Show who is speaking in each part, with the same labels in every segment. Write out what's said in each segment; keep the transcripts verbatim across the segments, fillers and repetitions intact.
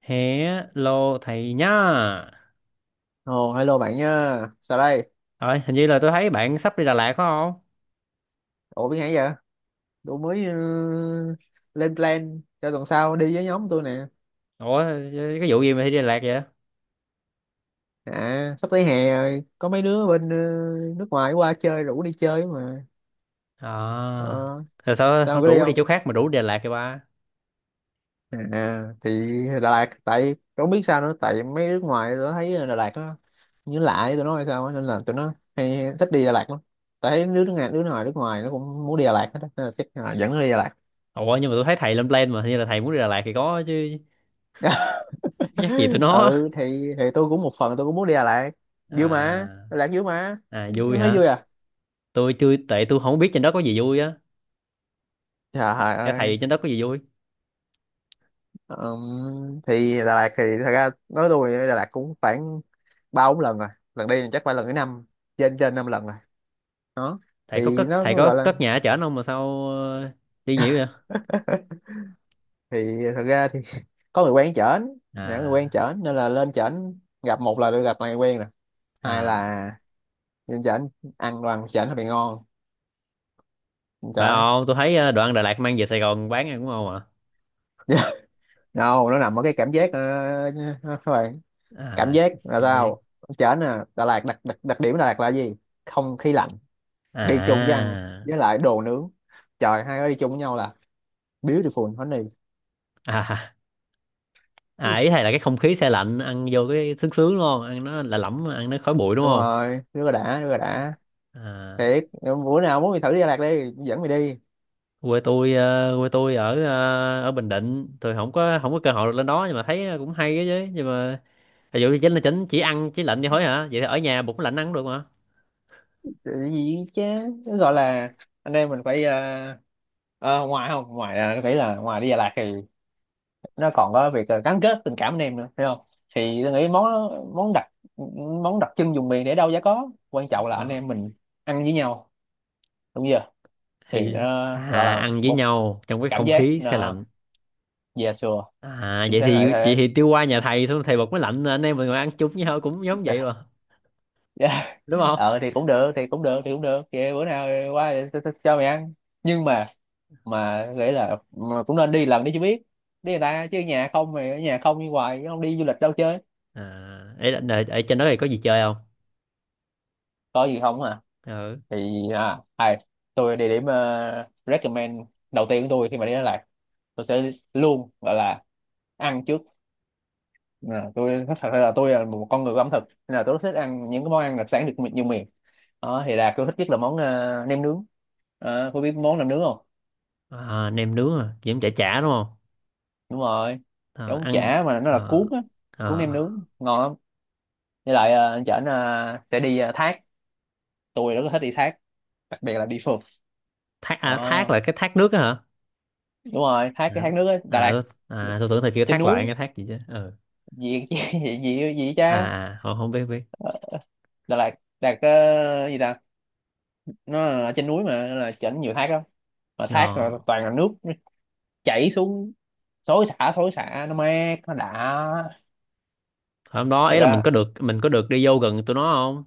Speaker 1: Hello thầy nhá.
Speaker 2: Ồ, hello bạn nha. Sao đây?
Speaker 1: Rồi, hình như là tôi thấy bạn sắp đi Đà Lạt phải không?
Speaker 2: Ủa biết hay vậy? Tôi mới ờ, lên plan cho tuần sau đi với nhóm tôi nè.
Speaker 1: Ủa, cái vụ gì mà đi Đà Lạt vậy?
Speaker 2: À, sắp tới hè rồi, có mấy đứa bên ờ, nước ngoài qua chơi rủ đi chơi mà.
Speaker 1: À,
Speaker 2: Ờ,
Speaker 1: rồi sao
Speaker 2: sao
Speaker 1: không
Speaker 2: có đi
Speaker 1: đủ đi
Speaker 2: không?
Speaker 1: chỗ khác mà đủ đi Đà Lạt kìa ba?
Speaker 2: À, à, thì Đà Lạt, tại không biết sao nữa, tại mấy nước ngoài tôi thấy Đà Lạt nó như lạ với tụi nó hay sao á, nên là tụi nó hay thích đi Đà Lạt lắm. Tại thấy đứa nước ngoài, đứa ngoài nước ngoài nó cũng muốn đi Đà Lạt hết, á, nên là chắc là dẫn nó đi Đà Lạt.
Speaker 1: Ủa, nhưng mà tôi thấy thầy lên plan mà, hình như là thầy muốn đi Đà Lạt thì có chứ, chắc gì tụi nó.
Speaker 2: Ừ thì thì tôi cũng một phần tôi cũng muốn đi Đà Lạt, vui mà,
Speaker 1: À,
Speaker 2: Đà Lạt vui mà,
Speaker 1: à
Speaker 2: nó
Speaker 1: vui
Speaker 2: thấy
Speaker 1: hả?
Speaker 2: vui à.
Speaker 1: Tôi chưa, tại tôi không biết trên đó có gì vui á. Th-
Speaker 2: Trời
Speaker 1: Theo
Speaker 2: ơi.
Speaker 1: thầy trên đó có gì vui?
Speaker 2: Ừm, thì Đà Lạt thì thật ra nói tôi đi Đà Lạt cũng khoảng ba bốn lần rồi, lần đi chắc phải lần thứ năm, trên trên năm lần rồi đó.
Speaker 1: Thầy có
Speaker 2: Thì
Speaker 1: cất,
Speaker 2: nó
Speaker 1: thầy
Speaker 2: nó
Speaker 1: có
Speaker 2: gọi là,
Speaker 1: cất nhà ở trển không mà sao ờ, đi nhiều vậy?
Speaker 2: thì thật ra thì có người quen chởnh, những người quen
Speaker 1: À,
Speaker 2: chởnh nên là lên chởnh gặp, một là được gặp người quen nè, hai
Speaker 1: à,
Speaker 2: là lên chởnh ăn đoàn chởnh hơi bị ngon. Trời
Speaker 1: phải
Speaker 2: ơi.
Speaker 1: không? Tôi thấy ờ, đoạn Đà Lạt mang về Sài Gòn bán ăn đúng không.
Speaker 2: No nó nằm ở cái cảm giác, uh, cảm
Speaker 1: À,
Speaker 2: giác là
Speaker 1: cảm giác.
Speaker 2: sao, chở nè. Đà Lạt đặc, đặc đặc điểm Đà Lạt là gì? Không khí lạnh đi chung với ăn,
Speaker 1: À,
Speaker 2: với lại đồ nướng, trời, hai cái đi chung với nhau là beautiful honey.
Speaker 1: à, à, à, ý thầy là cái không khí xe lạnh ăn vô cái sướng sướng đúng không, ăn nó là lẫm, ăn nó khói bụi đúng
Speaker 2: Đúng
Speaker 1: không?
Speaker 2: rồi, rất là đã, rất là đã
Speaker 1: À,
Speaker 2: thiệt. Bữa nào muốn mày thử đi Đà Lạt đi, dẫn mày đi.
Speaker 1: quê tôi ờ, quê tôi ở ờ, ở Bình Định, tôi không có không có cơ hội được lên đó, nhưng mà thấy cũng hay á chứ. Nhưng mà ví dụ như chính là chính chỉ ăn chỉ lạnh vậy thôi hả, vậy thì ở nhà bụng lạnh ăn cũng được mà.
Speaker 2: Cái gì chứ? Nó gọi là anh em mình phải ờ, ờ, ngoài, không, ngoài là nó nghĩ là, ngoài đi Đà Lạt thì nó còn có việc ờ, gắn kết tình cảm anh em nữa, phải không? Thì tôi nghĩ món món đặc món đặc trưng vùng miền để đâu giá có quan trọng, là anh
Speaker 1: Ờ,
Speaker 2: em mình ăn với nhau, đúng chưa? Thì
Speaker 1: thì
Speaker 2: nó gọi
Speaker 1: à,
Speaker 2: là
Speaker 1: ăn với
Speaker 2: một
Speaker 1: nhau trong cái
Speaker 2: cảm
Speaker 1: không
Speaker 2: giác,
Speaker 1: khí xe
Speaker 2: là
Speaker 1: lạnh.
Speaker 2: dè sùa.
Speaker 1: À,
Speaker 2: Chính
Speaker 1: vậy
Speaker 2: xác
Speaker 1: thì
Speaker 2: là
Speaker 1: vậy
Speaker 2: thế.
Speaker 1: thì tiêu qua nhà thầy xong thầy bật máy lạnh anh em mình ngồi ăn chung với nhau cũng giống vậy mà,
Speaker 2: Dạ.
Speaker 1: đúng không?
Speaker 2: Ờ thì cũng được thì cũng được thì cũng được, vậy bữa nào qua để tôi- tôi cho mày ăn. Nhưng mà mà nghĩ là mà cũng nên đi lần đi cho biết, đi người ta chứ, nhà không, mày ở nhà không đi hoài, không đi du lịch đâu chơi.
Speaker 1: À ấy là ở, ở trên đó thì có gì chơi không?
Speaker 2: Có gì không à?
Speaker 1: Ừ.
Speaker 2: Thì à, ai, tôi địa điểm ờ, recommend đầu tiên của tôi khi mà đến Đà Lạt, tôi sẽ luôn gọi là ăn trước. À, tôi thật sự là tôi là một con người của ẩm thực, nên là tôi rất thích ăn những cái món ăn đặc sản được mi- nhiều miền đó, thì là tôi thích nhất là món ờ, nem nướng. Ờ, cô biết món nem nướng không?
Speaker 1: À, nem nướng à, kiếm chả chả đúng không?
Speaker 2: Đúng rồi,
Speaker 1: À,
Speaker 2: giống
Speaker 1: ăn.
Speaker 2: chả mà nó là
Speaker 1: À,
Speaker 2: cuốn á,
Speaker 1: à,
Speaker 2: cuốn nem nướng ngon lắm. Với lại ờ, anh chở ờ, sẽ đi ờ, thác. Tôi rất là thích đi thác, đặc biệt là đi phượt.
Speaker 1: thác. À,
Speaker 2: Ờ,
Speaker 1: thác là cái thác nước á hả?
Speaker 2: đúng rồi, thác, cái
Speaker 1: À,
Speaker 2: thác nước á Đà
Speaker 1: à,
Speaker 2: Lạt,
Speaker 1: tôi- à tôi tưởng là kiểu
Speaker 2: trên
Speaker 1: thác
Speaker 2: núi,
Speaker 1: loạn cái thác gì chứ. Ừ.
Speaker 2: gì gì gì gì gì
Speaker 1: À,
Speaker 2: cha.
Speaker 1: à, không, không biết biết.
Speaker 2: Đà Lạt, Đà Lạt ờ, gì ta, nó ở trên núi mà, nên là chỉnh nhiều thác lắm, mà thác
Speaker 1: Ờ.
Speaker 2: rồi toàn là nước, nó chảy xuống xối xả, xối xả, nó mát, nó đã
Speaker 1: Hôm đó
Speaker 2: thiệt
Speaker 1: ấy là mình
Speaker 2: á.
Speaker 1: có được mình có được đi vô gần tụi nó không?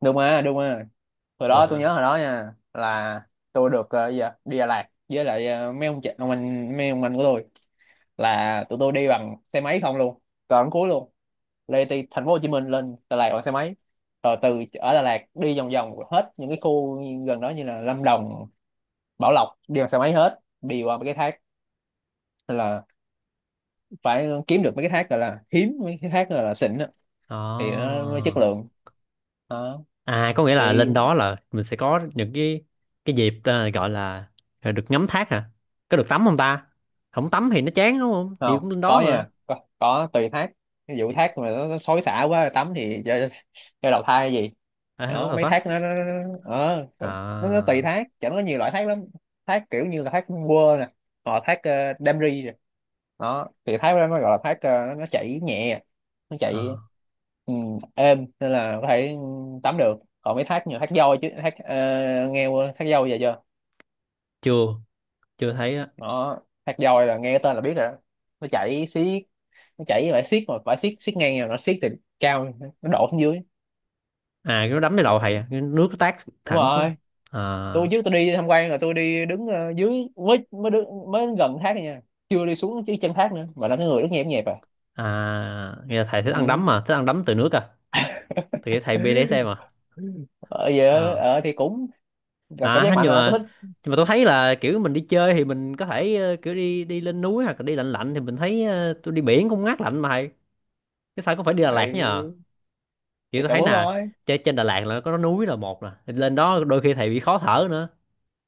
Speaker 2: Đúng mà, đúng mà, hồi
Speaker 1: Được
Speaker 2: đó
Speaker 1: hả?
Speaker 2: tôi
Speaker 1: À.
Speaker 2: nhớ hồi đó nha, là tôi được ờ, gì ạ, đi Đà Lạt với lại ờ, mấy ông chị ông anh mấy ông anh của tôi, là tụi tôi đi bằng xe máy không luôn, còn cuối luôn, lê từ thành phố Hồ Chí Minh lên Đà Lạt bằng xe máy, rồi từ ở Đà Lạt đi vòng vòng hết những cái khu gần đó, như là Lâm Đồng, Bảo Lộc, đi bằng xe máy hết, đi qua mấy cái thác. Tức là phải kiếm được mấy cái thác gọi là hiếm, mấy cái thác gọi là xịn á,
Speaker 1: Ờ.
Speaker 2: thì nó mới chất lượng đó.
Speaker 1: À, có nghĩa là
Speaker 2: Thì
Speaker 1: lên đó là mình sẽ có những cái cái dịp, ờ, gọi là là được ngắm thác hả? Có được tắm không ta? Không tắm thì nó chán, đúng không? Chị
Speaker 2: không
Speaker 1: cũng lên
Speaker 2: có
Speaker 1: đó mà.
Speaker 2: nha, có, có tùy thác, ví dụ
Speaker 1: Thì-
Speaker 2: thác mà nó, nó xối xả quá, tắm thì cho cho đầu thai gì
Speaker 1: À, what
Speaker 2: đó.
Speaker 1: the
Speaker 2: Mấy thác
Speaker 1: fuck?
Speaker 2: nó nó nó, nó, ờ, nó, nó
Speaker 1: À,
Speaker 2: tùy thác, chẳng có, nhiều loại thác lắm, thác kiểu như là thác quơ nè, hoặc là thác ờ, đam ri nè. Đó, thì thác đó mới gọi là thác ờ, nó chảy nhẹ, nó chảy
Speaker 1: ờ,
Speaker 2: ừ, êm, nên là có thể tắm được. Còn mấy thác như thác voi chứ, thác ờ, nghe qua thác voi giờ chưa?
Speaker 1: chưa chưa thấy á.
Speaker 2: Đó, thác voi là nghe tên là biết rồi đó. Nó chảy xiết, nó chảy với bãi xiết, mà bãi xiết, xiết ngang rồi nó xiết từ cao nó đổ xuống dưới.
Speaker 1: À, cái nó đấm cái đầu thầy
Speaker 2: Ồ,
Speaker 1: à, cái nước nó tát
Speaker 2: đúng
Speaker 1: thẳng xuống.
Speaker 2: rồi, tôi
Speaker 1: À,
Speaker 2: trước, tôi đi tham quan là tôi đi đứng ờ, dưới, mới mới đứng, mới gần thác thôi nha, chưa đi xuống chứ chân thác nữa, mà là cái người rất nhẹp nhẹp à.
Speaker 1: à nghe là thầy thích ăn
Speaker 2: Ừ.
Speaker 1: đấm mà, thích ăn đấm từ nước à. Thì thầy bê BDSM
Speaker 2: ờ Giờ
Speaker 1: mà.
Speaker 2: ờ, thì cũng là cảm giác
Speaker 1: À,
Speaker 2: mạnh
Speaker 1: nhưng
Speaker 2: mà tôi
Speaker 1: mà
Speaker 2: thích.
Speaker 1: nhưng mà tôi thấy là kiểu mình đi chơi thì mình có thể ờ, kiểu đi đi lên núi hoặc là đi lạnh lạnh thì mình thấy ờ, tôi đi biển cũng ngát lạnh mà thầy, cái sao cũng phải đi Đà Lạt
Speaker 2: Đấy,
Speaker 1: nhờ?
Speaker 2: thì
Speaker 1: Kiểu tôi
Speaker 2: tao
Speaker 1: thấy
Speaker 2: muốn
Speaker 1: nè,
Speaker 2: thôi.
Speaker 1: trên trên Đà Lạt là có núi là một nè. Thì lên đó đôi khi thầy bị khó thở nữa,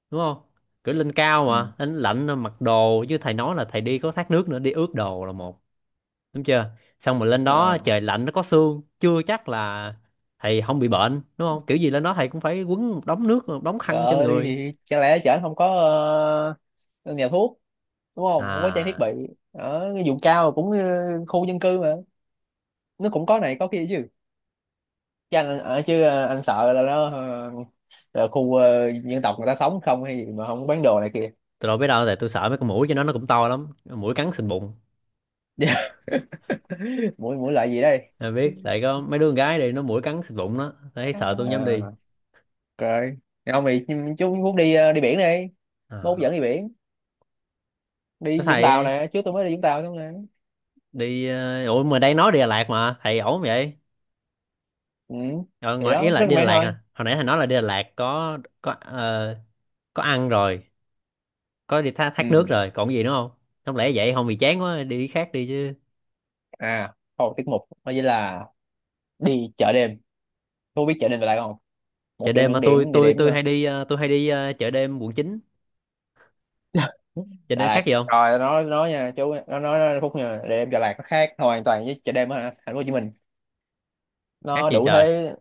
Speaker 1: đúng không? Kiểu lên cao
Speaker 2: Ừ.
Speaker 1: mà lên lạnh mặc đồ, chứ thầy nói là thầy đi có thác nước nữa đi ướt đồ là một, đúng chưa? Xong rồi lên đó
Speaker 2: Ờ.
Speaker 1: trời lạnh nó có sương, chưa chắc là thầy không bị bệnh, đúng không? Kiểu gì lên đó thầy cũng phải quấn một đống nước một đống khăn trên
Speaker 2: Rồi
Speaker 1: người.
Speaker 2: thì chẳng lẽ chở không có ờ, nhà thuốc, đúng không, không có trang thiết
Speaker 1: À.
Speaker 2: bị? Ở cái vùng cao cũng ờ, khu dân cư mà, nó cũng có này có kia chứ chứ anh ở chứ, ờ, anh sợ là nó ờ, là khu ờ, dân tộc, người ta sống không hay gì mà không bán đồ này kia.
Speaker 1: Tôi đâu biết đâu, tại tôi sợ mấy con muỗi cho nó nó cũng to lắm. Muỗi cắn xịt bụng.
Speaker 2: Dạ. Mũi mũi lại gì đây?
Speaker 1: Tôi biết, tại có mấy đứa con gái đi, nó muỗi cắn xịt bụng đó. Thấy sợ
Speaker 2: À,
Speaker 1: tôi không dám đi.
Speaker 2: ok, ông thì, chú muốn đi ờ, đi biển đi, mốt dẫn
Speaker 1: À.
Speaker 2: đi biển,
Speaker 1: Có
Speaker 2: đi Vũng Tàu
Speaker 1: thầy
Speaker 2: nè, trước tôi mới đi Vũng Tàu xong nè.
Speaker 1: đi, ờ, ủa mà đây nói đi Đà Lạt mà, thầy ổn vậy?
Speaker 2: Ừ.
Speaker 1: Ờ,
Speaker 2: Thì
Speaker 1: ngoài ý
Speaker 2: đó
Speaker 1: là
Speaker 2: rất
Speaker 1: đi Đà
Speaker 2: mến
Speaker 1: Lạt nè.
Speaker 2: thôi.
Speaker 1: Hồi nãy thầy nói là đi Đà Lạt có có ờ, có ăn rồi, có đi thác, thác nước
Speaker 2: Ừ.
Speaker 1: rồi, còn gì nữa không? Không lẽ vậy không, bị chán quá đi cái khác đi chứ.
Speaker 2: À, một tiết mục đó chính là đi chợ đêm. Cô biết chợ đêm là lại không? Một
Speaker 1: Chợ
Speaker 2: trong
Speaker 1: đêm
Speaker 2: những
Speaker 1: mà tôi
Speaker 2: điểm địa
Speaker 1: tôi
Speaker 2: điểm
Speaker 1: tôi
Speaker 2: ờ,
Speaker 1: hay đi, ờ, tôi hay đi ờ, chợ đêm quận chín. Chợ
Speaker 2: Đà
Speaker 1: đêm khác
Speaker 2: Lạt
Speaker 1: gì không?
Speaker 2: coi nó nói nha, chú nó nói nó Phúc nha, để em, Đà Lạt nó khác hoàn toàn với chợ đêm ở thành phố Hồ Chí Minh.
Speaker 1: Khác
Speaker 2: Nó
Speaker 1: gì
Speaker 2: đủ
Speaker 1: trời.
Speaker 2: thế,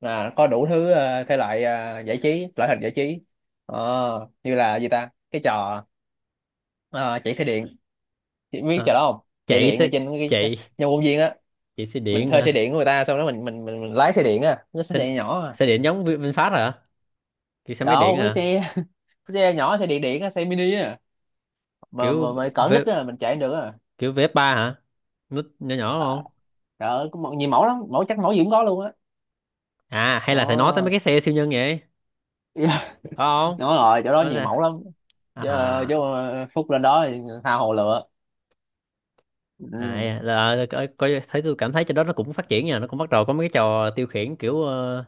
Speaker 2: là có đủ thứ ờ, thể loại ờ, giải trí loại hình giải trí. Ờ, như là gì ta, cái trò ờ, chạy xe điện. Chị biết
Speaker 1: Hả?
Speaker 2: trò đó không? Chạy
Speaker 1: Chạy
Speaker 2: điện ở
Speaker 1: xe
Speaker 2: trên cái cái-
Speaker 1: chạy
Speaker 2: nhà công viên á,
Speaker 1: chạy xe
Speaker 2: mình
Speaker 1: điện
Speaker 2: thuê xe
Speaker 1: hả?
Speaker 2: điện của người ta xong đó, mình mình mình, mình lái xe điện á, nó xe
Speaker 1: xe,
Speaker 2: điện nhỏ à.
Speaker 1: xe điện giống Vi- VinFast hả, kiểu xe máy điện
Speaker 2: Đâu, cái
Speaker 1: hả?
Speaker 2: xe, xe nhỏ, xe điện điện á, xe mini á, mà mà,
Speaker 1: kiểu
Speaker 2: mà cỡ
Speaker 1: v,
Speaker 2: nít á, mình chạy không được á.
Speaker 1: kiểu vê ép ba hả, nút nhỏ nhỏ đúng
Speaker 2: À,
Speaker 1: không?
Speaker 2: trời ơi có mẫu- nhiều mẫu lắm, mẫu chắc mẫu gì cũng có luôn á.
Speaker 1: À, hay là thầy nói tới
Speaker 2: Ờ,
Speaker 1: mấy cái xe siêu nhân vậy phải
Speaker 2: yeah. Đúng
Speaker 1: không?
Speaker 2: rồi, chỗ đó
Speaker 1: Đó
Speaker 2: nhiều
Speaker 1: sao?
Speaker 2: mẫu lắm. Chứ, ờ, chứ
Speaker 1: À,
Speaker 2: ờ, Phúc lên đó thì tha hồ lựa. Ừ,
Speaker 1: à là, coi, coi thấy tôi cảm thấy trên đó nó cũng phát triển nha, nó cũng bắt đầu có mấy cái trò tiêu khiển kiểu ờ,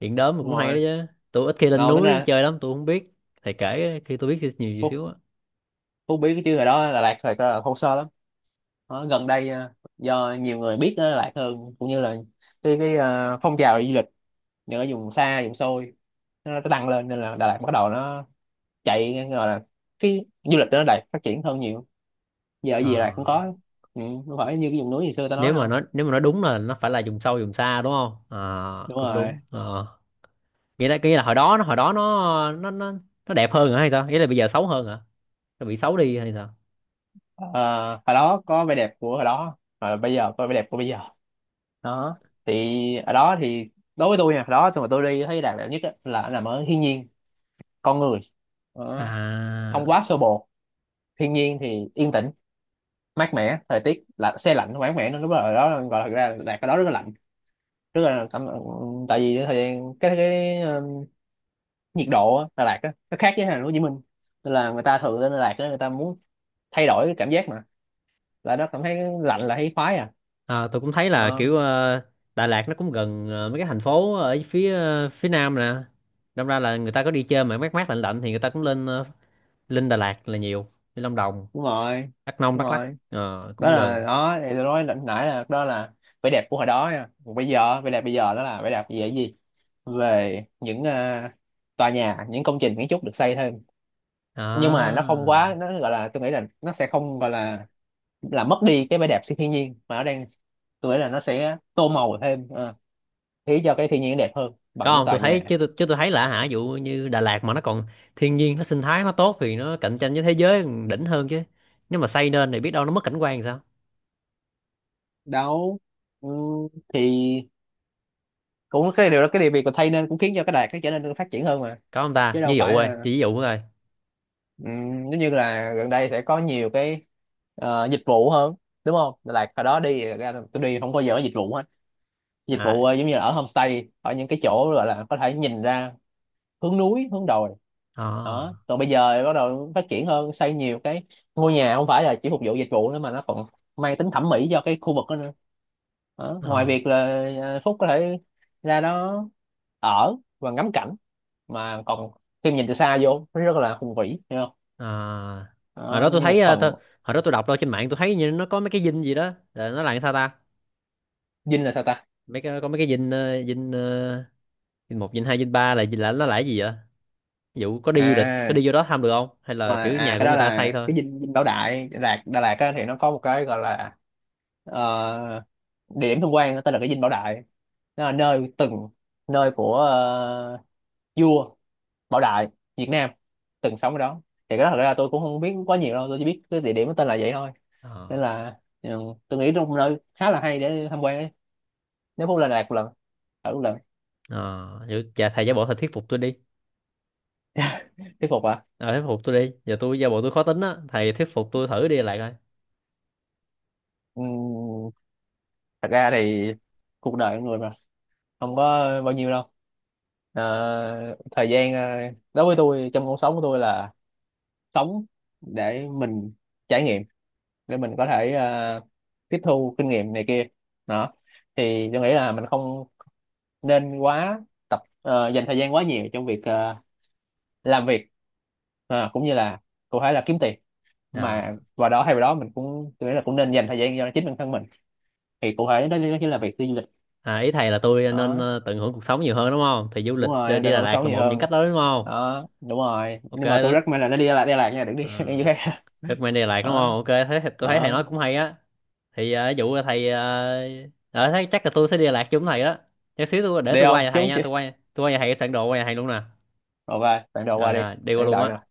Speaker 1: điện đóm mà
Speaker 2: đúng
Speaker 1: cũng hay
Speaker 2: rồi,
Speaker 1: đó chứ. Tôi ít khi lên
Speaker 2: lâu tính
Speaker 1: núi
Speaker 2: ra,
Speaker 1: chơi lắm, tôi không biết, thầy kể khi tôi biết nhiều gì
Speaker 2: Phúc,
Speaker 1: xíu á.
Speaker 2: Phúc biết cái chứ, hồi đó Đà Lạt thật là thô sơ lắm. Ở gần đây ờ, do nhiều người biết Đà Lạt hơn, cũng như là cái cái ờ, phong trào du lịch những ở vùng xa vùng xôi nó nó tăng lên, nên là Đà Lạt bắt đầu nó chạy, gọi là cái du lịch ở Đà Lạt phát triển hơn nhiều. Giờ ở gì Đà
Speaker 1: Ờ,
Speaker 2: Lạt cũng có. Ừ, không phải như cái vùng núi ngày xưa ta nói
Speaker 1: nếu mà
Speaker 2: đâu.
Speaker 1: nó nếu mà nó đúng là nó phải là vùng sâu vùng xa, đúng không? À,
Speaker 2: Đúng
Speaker 1: cũng
Speaker 2: rồi.
Speaker 1: đúng. Ờ. nghĩa là nghĩa là hồi đó nó hồi đó nó nó nó nó đẹp hơn hả hay sao, nghĩa là bây giờ xấu hơn hả, nó bị xấu đi hay sao?
Speaker 2: Ờ, hồi đó có vẻ đẹp của hồi đó, và bây giờ có vẻ đẹp của bây giờ đó. Thì ở đó thì đối với tôi nha, hồi đó tôi, mà tôi đi thấy đẹp, đẹp nhất á, là nằm ở thiên nhiên, con người. Đó,
Speaker 1: À,
Speaker 2: không quá xô bồ, thiên nhiên thì yên tĩnh, mát mẻ, thời tiết là se lạnh, mát mẻ, nó lúc đó ở đó gọi là, thực ra là Đà Lạt ở đó rất là lạnh, rất là cảm. Tại vì cái thời gian cái cái ờ, nhiệt độ á, Đà Lạt á, nó khác với thành phố Hồ Chí Minh, nên là người ta thường lên Đà Lạt á, người ta muốn thay đổi cái cảm giác, mà là nó cảm thấy lạnh là thấy khoái à.
Speaker 1: à tôi cũng thấy là
Speaker 2: Đó,
Speaker 1: kiểu ờ, Đà Lạt nó cũng gần ờ, mấy cái thành phố ở phía ờ, phía nam nè, đâm ra là người ta có đi chơi mà mát mát lạnh lạnh thì người ta cũng lên ờ, lên Đà Lạt là nhiều, đi Lâm Đồng,
Speaker 2: đúng rồi,
Speaker 1: Đắk Nông,
Speaker 2: đúng
Speaker 1: Đắk Lắk
Speaker 2: rồi.
Speaker 1: ờ,
Speaker 2: Đó
Speaker 1: cũng
Speaker 2: là,
Speaker 1: gần.
Speaker 2: đó thì tôi nói lần nãy là đó là vẻ đẹp của hồi đó nha. Còn bây giờ vẻ đẹp bây giờ, đó là vẻ đẹp về cái gì? Về những ờ, tòa nhà, những công trình kiến trúc được xây thêm. Nhưng mà nó không
Speaker 1: À,
Speaker 2: quá, nó gọi là, tôi nghĩ là nó sẽ không gọi là là mất đi cái vẻ đẹp sự thiên nhiên mà nó đang. Tôi nghĩ là nó sẽ tô màu thêm ờ, khiến cho cái thiên nhiên đẹp hơn bằng
Speaker 1: có
Speaker 2: những
Speaker 1: không?
Speaker 2: tòa
Speaker 1: Tôi thấy
Speaker 2: nhà.
Speaker 1: chứ, tôi, chứ tôi thấy là hả, ví dụ như Đà Lạt mà nó còn thiên nhiên nó sinh thái nó tốt thì nó cạnh tranh với thế giới đỉnh hơn chứ, nếu mà xây nên thì biết đâu nó mất cảnh quan thì sao?
Speaker 2: Đâu, ừ, thì cũng cái điều đó, cái điều việc của thay nên cũng khiến cho cái đài cái trở nên phát triển hơn mà,
Speaker 1: Có không
Speaker 2: chứ
Speaker 1: ta,
Speaker 2: đâu
Speaker 1: ví dụ
Speaker 2: phải
Speaker 1: ơi,
Speaker 2: là.
Speaker 1: chỉ ví dụ thôi.
Speaker 2: Ừm, giống như là gần đây sẽ có nhiều cái ờ, dịch vụ hơn, đúng không, là hồi đó đi ra là tôi đi không bao giờ có dịch vụ hết, dịch
Speaker 1: À,
Speaker 2: vụ ờ, giống như là ở homestay, ở những cái chỗ gọi là có thể nhìn ra hướng núi, hướng đồi đó.
Speaker 1: à,
Speaker 2: Còn bây giờ bắt đầu phát triển hơn, xây nhiều cái ngôi nhà không phải là chỉ phục vụ dịch vụ nữa, mà nó còn mang tính thẩm mỹ cho cái khu vực đó nữa đó. Ngoài
Speaker 1: à,
Speaker 2: việc là ờ, Phúc có thể ra đó ở và ngắm cảnh, mà còn khi nhìn từ xa vô nó rất là hùng vĩ
Speaker 1: à. hồi
Speaker 2: đó,
Speaker 1: đó tôi
Speaker 2: như một
Speaker 1: thấy ờ,
Speaker 2: phần.
Speaker 1: tôi, hồi đó tôi đọc đâu trên mạng tôi thấy như nó có mấy cái dinh gì đó, là nó là sao ta,
Speaker 2: Dinh là sao ta?
Speaker 1: mấy cái có mấy cái dinh, ờ, dinh ờ, dinh một dinh hai dinh ba là là nó là cái gì vậy? Ví dụ có đi du lịch có
Speaker 2: À
Speaker 1: đi vô đó thăm được không, hay là
Speaker 2: mà
Speaker 1: kiểu
Speaker 2: à
Speaker 1: nhà
Speaker 2: Cái
Speaker 1: của
Speaker 2: đó
Speaker 1: người ta
Speaker 2: là
Speaker 1: xây thôi?
Speaker 2: cái dinh, dinh Bảo Đại, Đà Lạt, Đà Lạt á, thì nó có một cái gọi là ờ, địa điểm tham quan tên là cái dinh Bảo Đại. Nó là nơi từng, nơi của ờ, vua Bảo Đại Việt Nam từng sống ở đó. Thì cái đó thật ra tôi cũng không biết quá nhiều đâu, tôi chỉ biết cái địa điểm nó tên là vậy thôi, nên
Speaker 1: Ờ,
Speaker 2: là ừ, tôi nghĩ trong nơi khá là hay để tham quan ấy. Nếu Phú lên Đà Lạt một lần, ở một lần.
Speaker 1: ờ, vậy cha thầy giáo bộ thầy thuyết phục tôi đi.
Speaker 2: Thuyết phục,
Speaker 1: Ờ, thuyết phục tôi đi. Giờ tôi giả bộ tôi khó tính á, thầy thuyết phục tôi thử đi lại coi.
Speaker 2: à, thật ra thì cuộc đời con người mà không có bao nhiêu đâu. Ờ, thời gian ờ, đối với tôi trong cuộc sống của tôi là sống để mình trải nghiệm, để mình có thể ờ, tiếp thu kinh nghiệm này kia đó, thì tôi nghĩ là mình không nên quá tập ờ, dành thời gian quá nhiều trong việc ờ, làm việc. Ờ, cũng như là, cụ thể là kiếm tiền, mà
Speaker 1: À,
Speaker 2: vào đó, thay vào đó mình cũng, tôi nghĩ là cũng nên dành thời gian cho chính bản thân mình, thì cụ thể đó, đó chính là việc đi du lịch.
Speaker 1: à ý thầy là tôi nên
Speaker 2: Đó,
Speaker 1: ờ, tận hưởng cuộc sống nhiều hơn đúng không? Thì du
Speaker 2: đúng
Speaker 1: lịch
Speaker 2: rồi,
Speaker 1: đi
Speaker 2: em
Speaker 1: đi
Speaker 2: tận
Speaker 1: Đà
Speaker 2: hưởng
Speaker 1: Lạt
Speaker 2: sống
Speaker 1: là
Speaker 2: nhiều
Speaker 1: một trong những
Speaker 2: hơn
Speaker 1: cách đó đúng không?
Speaker 2: đó, đúng rồi,
Speaker 1: Ok.
Speaker 2: nhưng mà tôi
Speaker 1: Đó.
Speaker 2: rất may là nó đi Đà Lạt, Đà Lạt nha, đừng đi
Speaker 1: À,
Speaker 2: đi chỗ khác
Speaker 1: recommend đi Đà Lạt đúng
Speaker 2: đó,
Speaker 1: không? Ok. Thấy, tôi thấy thầy nói
Speaker 2: đó.
Speaker 1: cũng hay á. Thì ờ, ví dụ là thầy... Uh, thấy chắc là tôi sẽ đi Đà Lạt chung với thầy đó. Chút xíu tôi để
Speaker 2: Đi
Speaker 1: tôi qua
Speaker 2: không
Speaker 1: nhà thầy
Speaker 2: chú
Speaker 1: nha.
Speaker 2: chứ,
Speaker 1: Tôi qua tôi qua nhà thầy soạn đồ qua nhà thầy luôn nè.
Speaker 2: rồi về bạn đồ qua
Speaker 1: Rồi,
Speaker 2: đi,
Speaker 1: rồi. Đi qua
Speaker 2: đang
Speaker 1: luôn
Speaker 2: đợi nè.
Speaker 1: á.